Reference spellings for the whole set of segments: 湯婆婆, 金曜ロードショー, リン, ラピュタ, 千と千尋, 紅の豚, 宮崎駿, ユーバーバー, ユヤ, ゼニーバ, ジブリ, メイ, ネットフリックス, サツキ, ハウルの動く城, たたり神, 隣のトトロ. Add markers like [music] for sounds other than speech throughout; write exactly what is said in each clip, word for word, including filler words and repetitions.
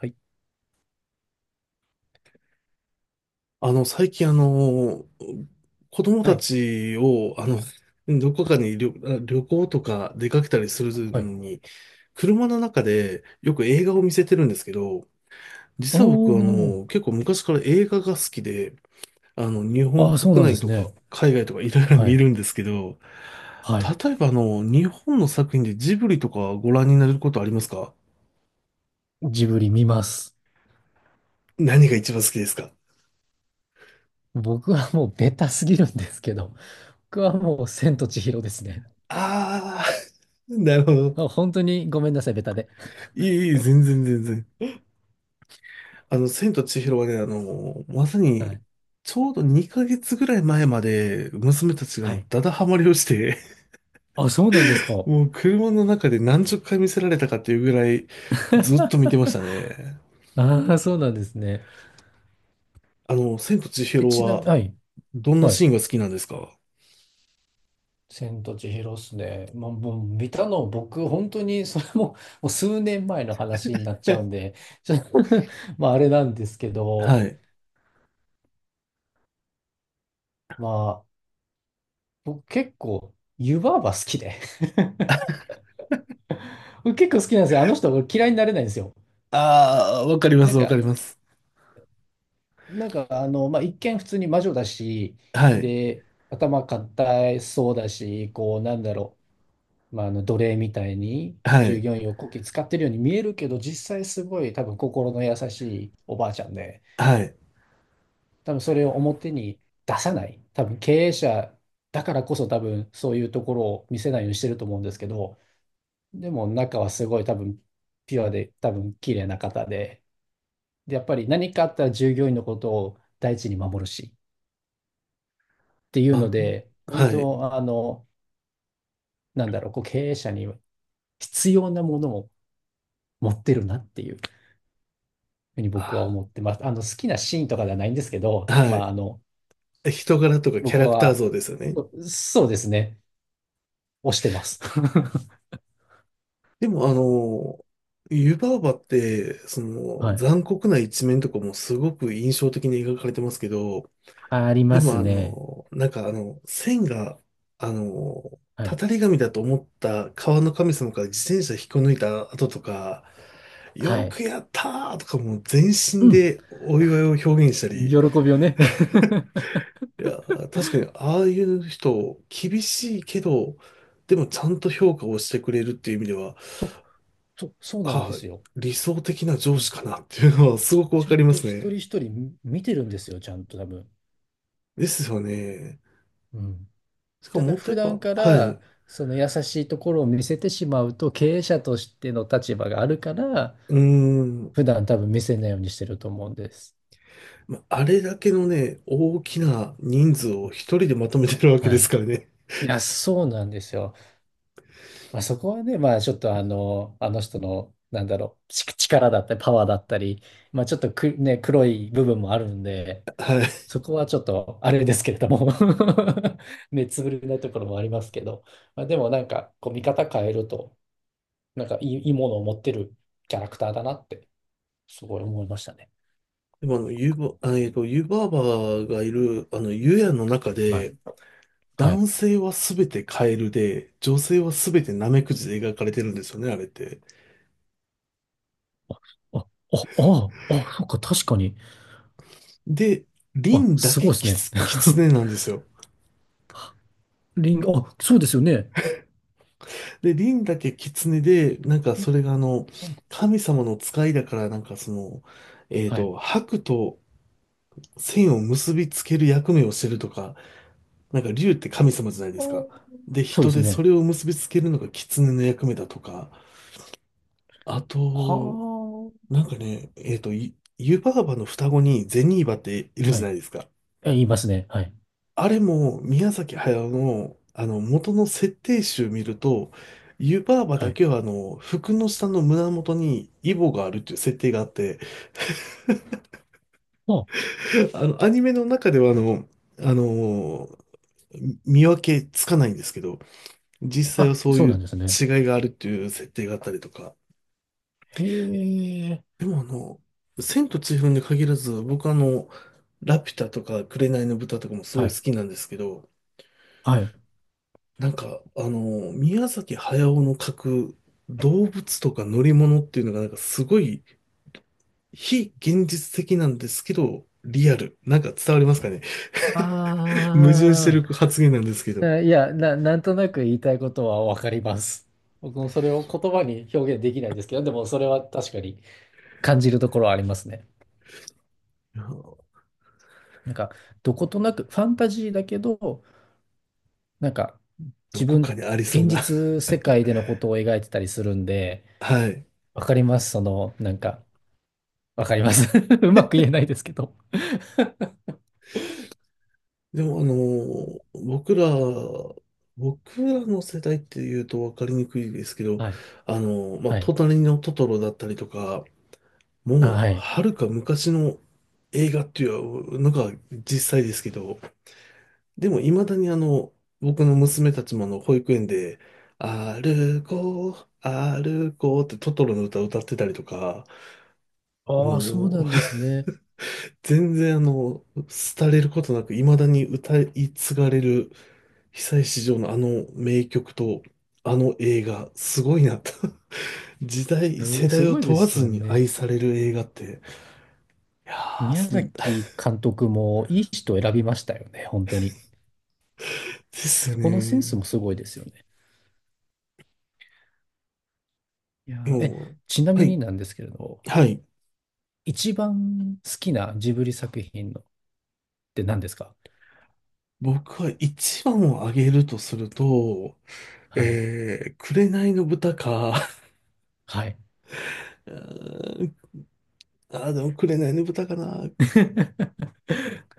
はい。あの、最近あの、子供はたい。ちを、あの、どこかに旅、旅行とか出かけたりするのはい。に、車の中でよく映画を見せてるんですけど、お実は僕あー。の、結構昔から映画が好きで、あの、日本ああ、そう国なんで内すとかね。海外とかいろいろは見い。るんですけど、はい。例えばあの、日本の作品でジブリとかご覧になることありますか？ジブリ見ます。何が一番好きですか？僕はもうベタすぎるんですけど、僕はもう千と千尋ですね。あ、あー、[laughs] なるほあ、ど。本当にごめんなさい、ベタで。いい、いい、全然全然。あの、千と千尋はね、あの、まさはに、い。ちょうどにかげつぐらい前まで、娘たちがはもうい。ダダハマりをして、あ、そうなんですか。[laughs] もう車の中でなんじゅっかい見せられたかっていうぐらい、ずっと見てましたね。ああ、そうなんですね。あの、千と千え、尋ちなみに、は、はい。どんなはい。シーンが好きなんですか？ 千と千尋っすね。まあ、もう見たの僕、本当にそれも、もう数年前の話になっちゃうん [laughs] で、ちょ [laughs] まああれなんですけど、はい。ま僕結構、湯婆婆好きで [laughs] 僕結構好きなんですよ。あの人、僕嫌いになれないんですよ。ああ、わかりまなす、んわかか、ります。なんか、あの、まあ、一見普通に魔女だし、はい、で、頭固いそうだし、こう、なんだろう、まあ、あの、奴隷みたいには従い、業員をこき使ってるように見えるけど、実際すごい多分心の優しいおばあちゃんで、はい。多分それを表に出さない。多分経営者だからこそ多分そういうところを見せないようにしてると思うんですけど、でも中はすごい多分ピュアで多分綺麗な方で、で、やっぱり何かあったら従業員のことを第一に守るしっていうのあ、で、本はい。当、あの、なんだろう、こう経営者に必要なものを持ってるなっていうふうに僕はあ、思ってます。あの、好きなシーンとかではないんですけど、はまあ、い。あの、人柄とかキャ僕ラクターは、像ですよね。そうですね、推してます。[laughs] でもあの、湯婆婆って、そのはい。残酷な一面とかもすごく印象的に描かれてますけど、ありでまもすあね。の、なんかあの、線が、あの、はたい。たり神だと思った川の神様から自転車引っこ抜いた後とか、はよい。くやったーとかもう全う身ん。でお祝いを表現した喜り、びをね。[laughs] いや、確かにああいう人、厳しいけど、でもちゃんと評価をしてくれるっていう意味では、そう、そう、そうなんあ、ですよ。理想的な上司かなっていうのはすごくわちゃかんりまとす一人ね。一人見てるんですよ、ちゃんと多分。ですよね。うん。しかたももだっと普言えば、段かはい。うらその優しいところを見せてしまうと経営者としての立場があるからーん。普段多分見せないようにしてると思うんです。まあれだけのね、大きな人数を一人でまとめてるわけはですい。からね。いや、そうなんですよ。まあ、そこはね、まあちょっとあの、あの人の、なんだろう、ち力だったりパワーだったり、まあちょっとく、ね、黒い部分もあるんで、はい。そこはちょっとあれですけれども [laughs] 目つぶれないところもありますけど、まあ、でもなんかこう見方変えると、なんかいい、いいものを持ってるキャラクターだなってすごい思いましたね。でもあの、ユーバ、あえっと、ユーバーバーがいる、あの、ユヤの中はい。で、はい。男性はすべてカエルで、女性はすべてナメクジで描かれてるんですよね、あれって。あ、あ、あ、あ、あそっか、確かに。で、リあ、ンだすごけいですキね。ツ、キツネ [laughs] なんですよ。リンゴ、あ、そうですよね。で、リンだけ狐で、なんかリンそれがあの、ゴ神様の使いだから、なんかその、えっはい。と、白と線を結びつける役目をしてるとか、なんか竜って神様じゃないですか。で、そう人ですでそね。れを結びつけるのが狐の役目だとか、あと、はなんかね、えっと、ゆ湯婆婆の双子にゼニーバっているあ。はじゃい。ないですか。え言いますね。はい。あれも宮崎駿の、あの元の設定集見ると、湯婆婆はだい。けはあの服の下の胸元にイボがあるっていう設定があって、あ、[laughs] あのアニメの中ではあの、あの見分けつかないんですけど、実際はあ、そうそういなんうですね。違いがあるっていう設定があったりとか。へえ。でもあの、千と千尋に限らず、僕あの、ラピュタとか紅の豚とかもすごはいい。好きなんですけど、はい。なんか、あの、宮崎駿の描く動物とか乗り物っていうのがなんかすごい非現実的なんですけど、リアル。なんか伝わりますかね？ [laughs] 矛盾してある発言なんですけど。いあ、いや、な、なんとなく言いたいことはわかります。僕もそれを言葉に表現できないですけど、でもそれは確かに感じるところはありますね。や、なんか、どことなく、ファンタジーだけど、なんか、ど自こか分、にありそう現な。実世界でのことを描いてたりするんで、[laughs] はい。わかります。その、なんか、わかります。[laughs] うまく言えないですけど。でもあの、僕ら、僕らの世代っていうと分かりにくいですけど、はい。あの、まあ、はい。隣のトトロだったりとか、あ、もう、はい。はるか昔の映画っていうのが実際ですけど、でも未だにあの、僕の娘たちもあの、保育園で、歩こう、歩こうってトトロの歌を歌ってたりとか、ああ、そうもなう、んです [laughs] ね。全然あの、廃れることなく未だに歌い継がれる被災市場のあの名曲と、あの映画、すごいなと。[laughs] 時代、世す、す代をごいで問わすずよにね。愛される映画って、いやー、宮す [laughs] で崎監督もいい人を選びましたよね、本当に。すよそこのセンスね。もすごいですよね。いや今ー、え、日、ちなはみい、になんですけれど、はい。一番好きなジブリ作品のって何ですか？僕は一番を挙げるとすると、はい。えー、紅の豚か、はい。[laughs] うーんあー、でも紅の豚かな。[laughs]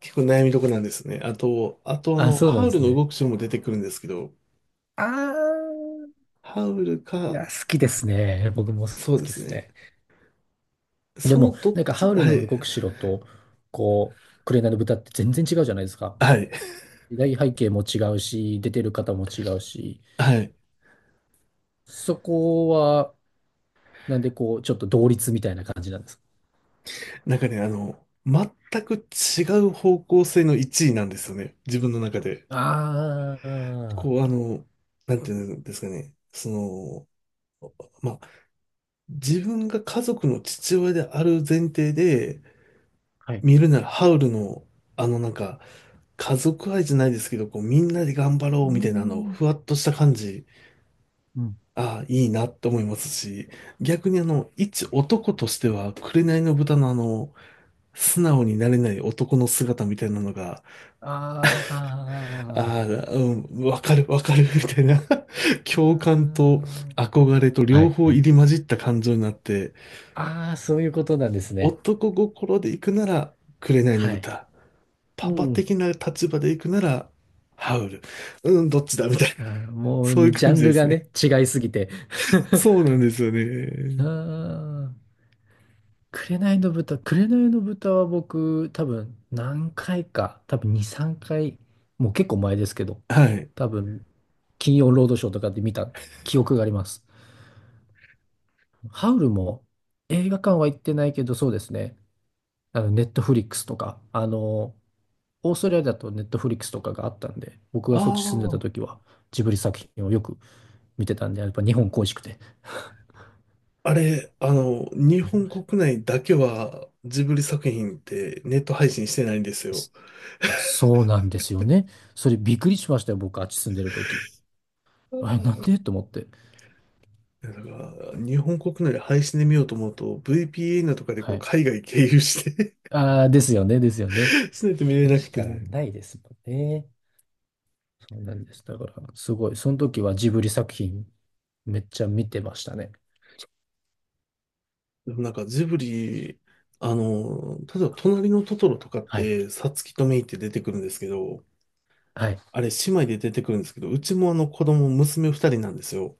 結構悩みどこなんですね。あと、あとああ、の、そうなんハウでルすのね。動く城も出てくるんですけど、あー、ハウルいか、や、好きですね。僕も好そうできですすね。ね。でそも、のどっなんか、ハち、ウルはのい、動く城と、こう、紅の豚って全然違うじゃないですか。はい、時代背景も違うし、出てる方も違うし、はい。そこは、なんで、こう、ちょっと同率みたいな感じなんです。なんかね、あの、全く違う方向性のいちいなんですよね。自分の中で。ああ、こう、あの、なんていうんですかね。その、まあ、自分が家族の父親である前提で、はい。見るならハウルの、あのなんか、家族愛じゃないですけど、こう、みんなで頑張ろうーうみたいな、あの、ん。ふわっとした感じ、うん。ああ、いいなって思いますし、逆にあの、一男としては、紅の豚のあの、素直になれない男の姿みたいなのが、あああ、あ、うん、わかるわかるみたいな [laughs]、うー共感とん。憧れとは両い。方入り混じった感情になって、ああ、そういうことなんですね。男心で行くなら、紅のはい。豚。うパパん。的な立場で行くなら、ハウル。うん、どっちだみたいな。あーもそういうう、ジャ感ンじでルすがね。ね、違いすぎて。[laughs] そうなんですようね。ー紅の豚、紅の豚は僕、多分何回か、多分に、さんかい、もう結構前ですけど、はい。多分金曜ロードショーとかで見た記憶があります。ハウルも映画館は行ってないけど、そうですね。あの、ネットフリックスとか、あの、オーストラリアだとネットフリックスとかがあったんで、僕がそっち住んでたあ時はジブリ作品をよく見てたんで、やっぱ日本恋しくて。[laughs] あ、あれ、あの、日見て本ました国内だけは、ジブリ作品ってネット配信してないんですよ。すいや、そうなんですよね。それびっくりしましたよ、僕、あっち住んでる時。あれ、なんでと思って。だから、日本国内で配信で見ようと思うと、ブイピーエヌ とかでこはうい。海外経由して ああ、ですよね、ですよね。[laughs] しないと [laughs] 見それれなくしかて。ないですもんね。そうなんです。だから、すごい。その時はジブリ作品めっちゃ見てましたね。でもなんかジブリ、あの、例えば隣のトトロとかっはいて、サツキとメイって出てくるんですけど、はい。あれ姉妹で出てくるんですけど、うちもあの子供、娘ふたりなんですよ。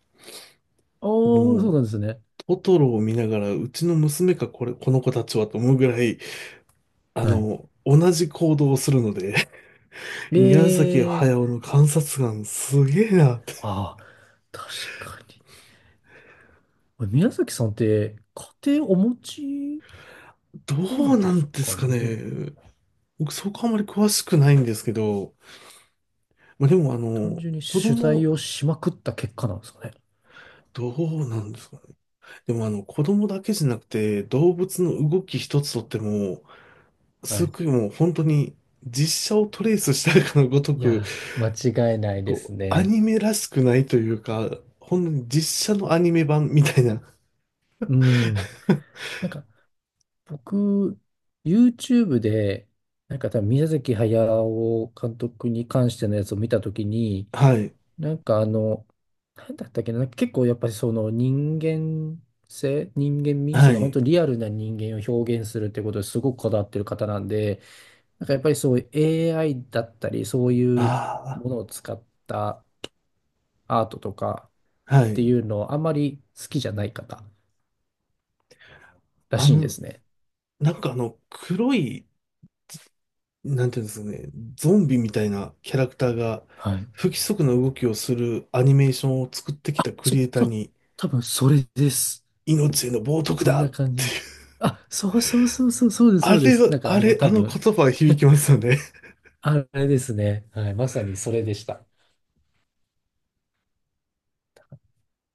おー、そうもなんう、ですね。トトロを見ながら、うちの娘かこれ、この子たちはと思うぐらい、あはの、同じ行動をするので、[laughs] い。宮崎え駿ー、の観察眼すげえなって。ああ、確かに。宮崎さんって、家庭お持ちどなうんでなすんでかすかね。ね。僕そこあまり詳しくないんですけど、まあ、でもあ単の、純に子取材供、をしまくった結果なんですかね。どうなんですかね？でもあの、子供だけじゃなくて、動物の動き一つとっても、はすい。ごいもう本当に実写をトレースしたかのごといく、やー、間違いないですこう、アね。ニメらしくないというか、本当に実写のアニメ版みたいな。うん。[laughs] なんか、僕、YouTube で、なんか多分宮崎駿監督に関してのやつを見たときに、はい。なんかあの、なんだったっけな、なんか結構やっぱりその人間性、人間味、そはの本当い。にリアルな人間を表現するってことですごくこだわってる方なんで、なんかやっぱりそういう エーアイ だったり、そういうあものを使ったアートとかあ、はってい。いうのをあんまり好きじゃない方らあしいんでの、すね。なんかあの、黒い、なんていうんですかね、ゾンビみたいなキャラクターが、はい。不規則な動きをするアニメーションを作ってきたクそ、リエイターそ、に、多分それです。命への冒涜そんだなっ感てじです。あ、そうそうそうそう、そうです、あそうでれす。は、なんかあもうれ、多あの分、言葉は響きますよね。あれですね。はい、まさにそれでした。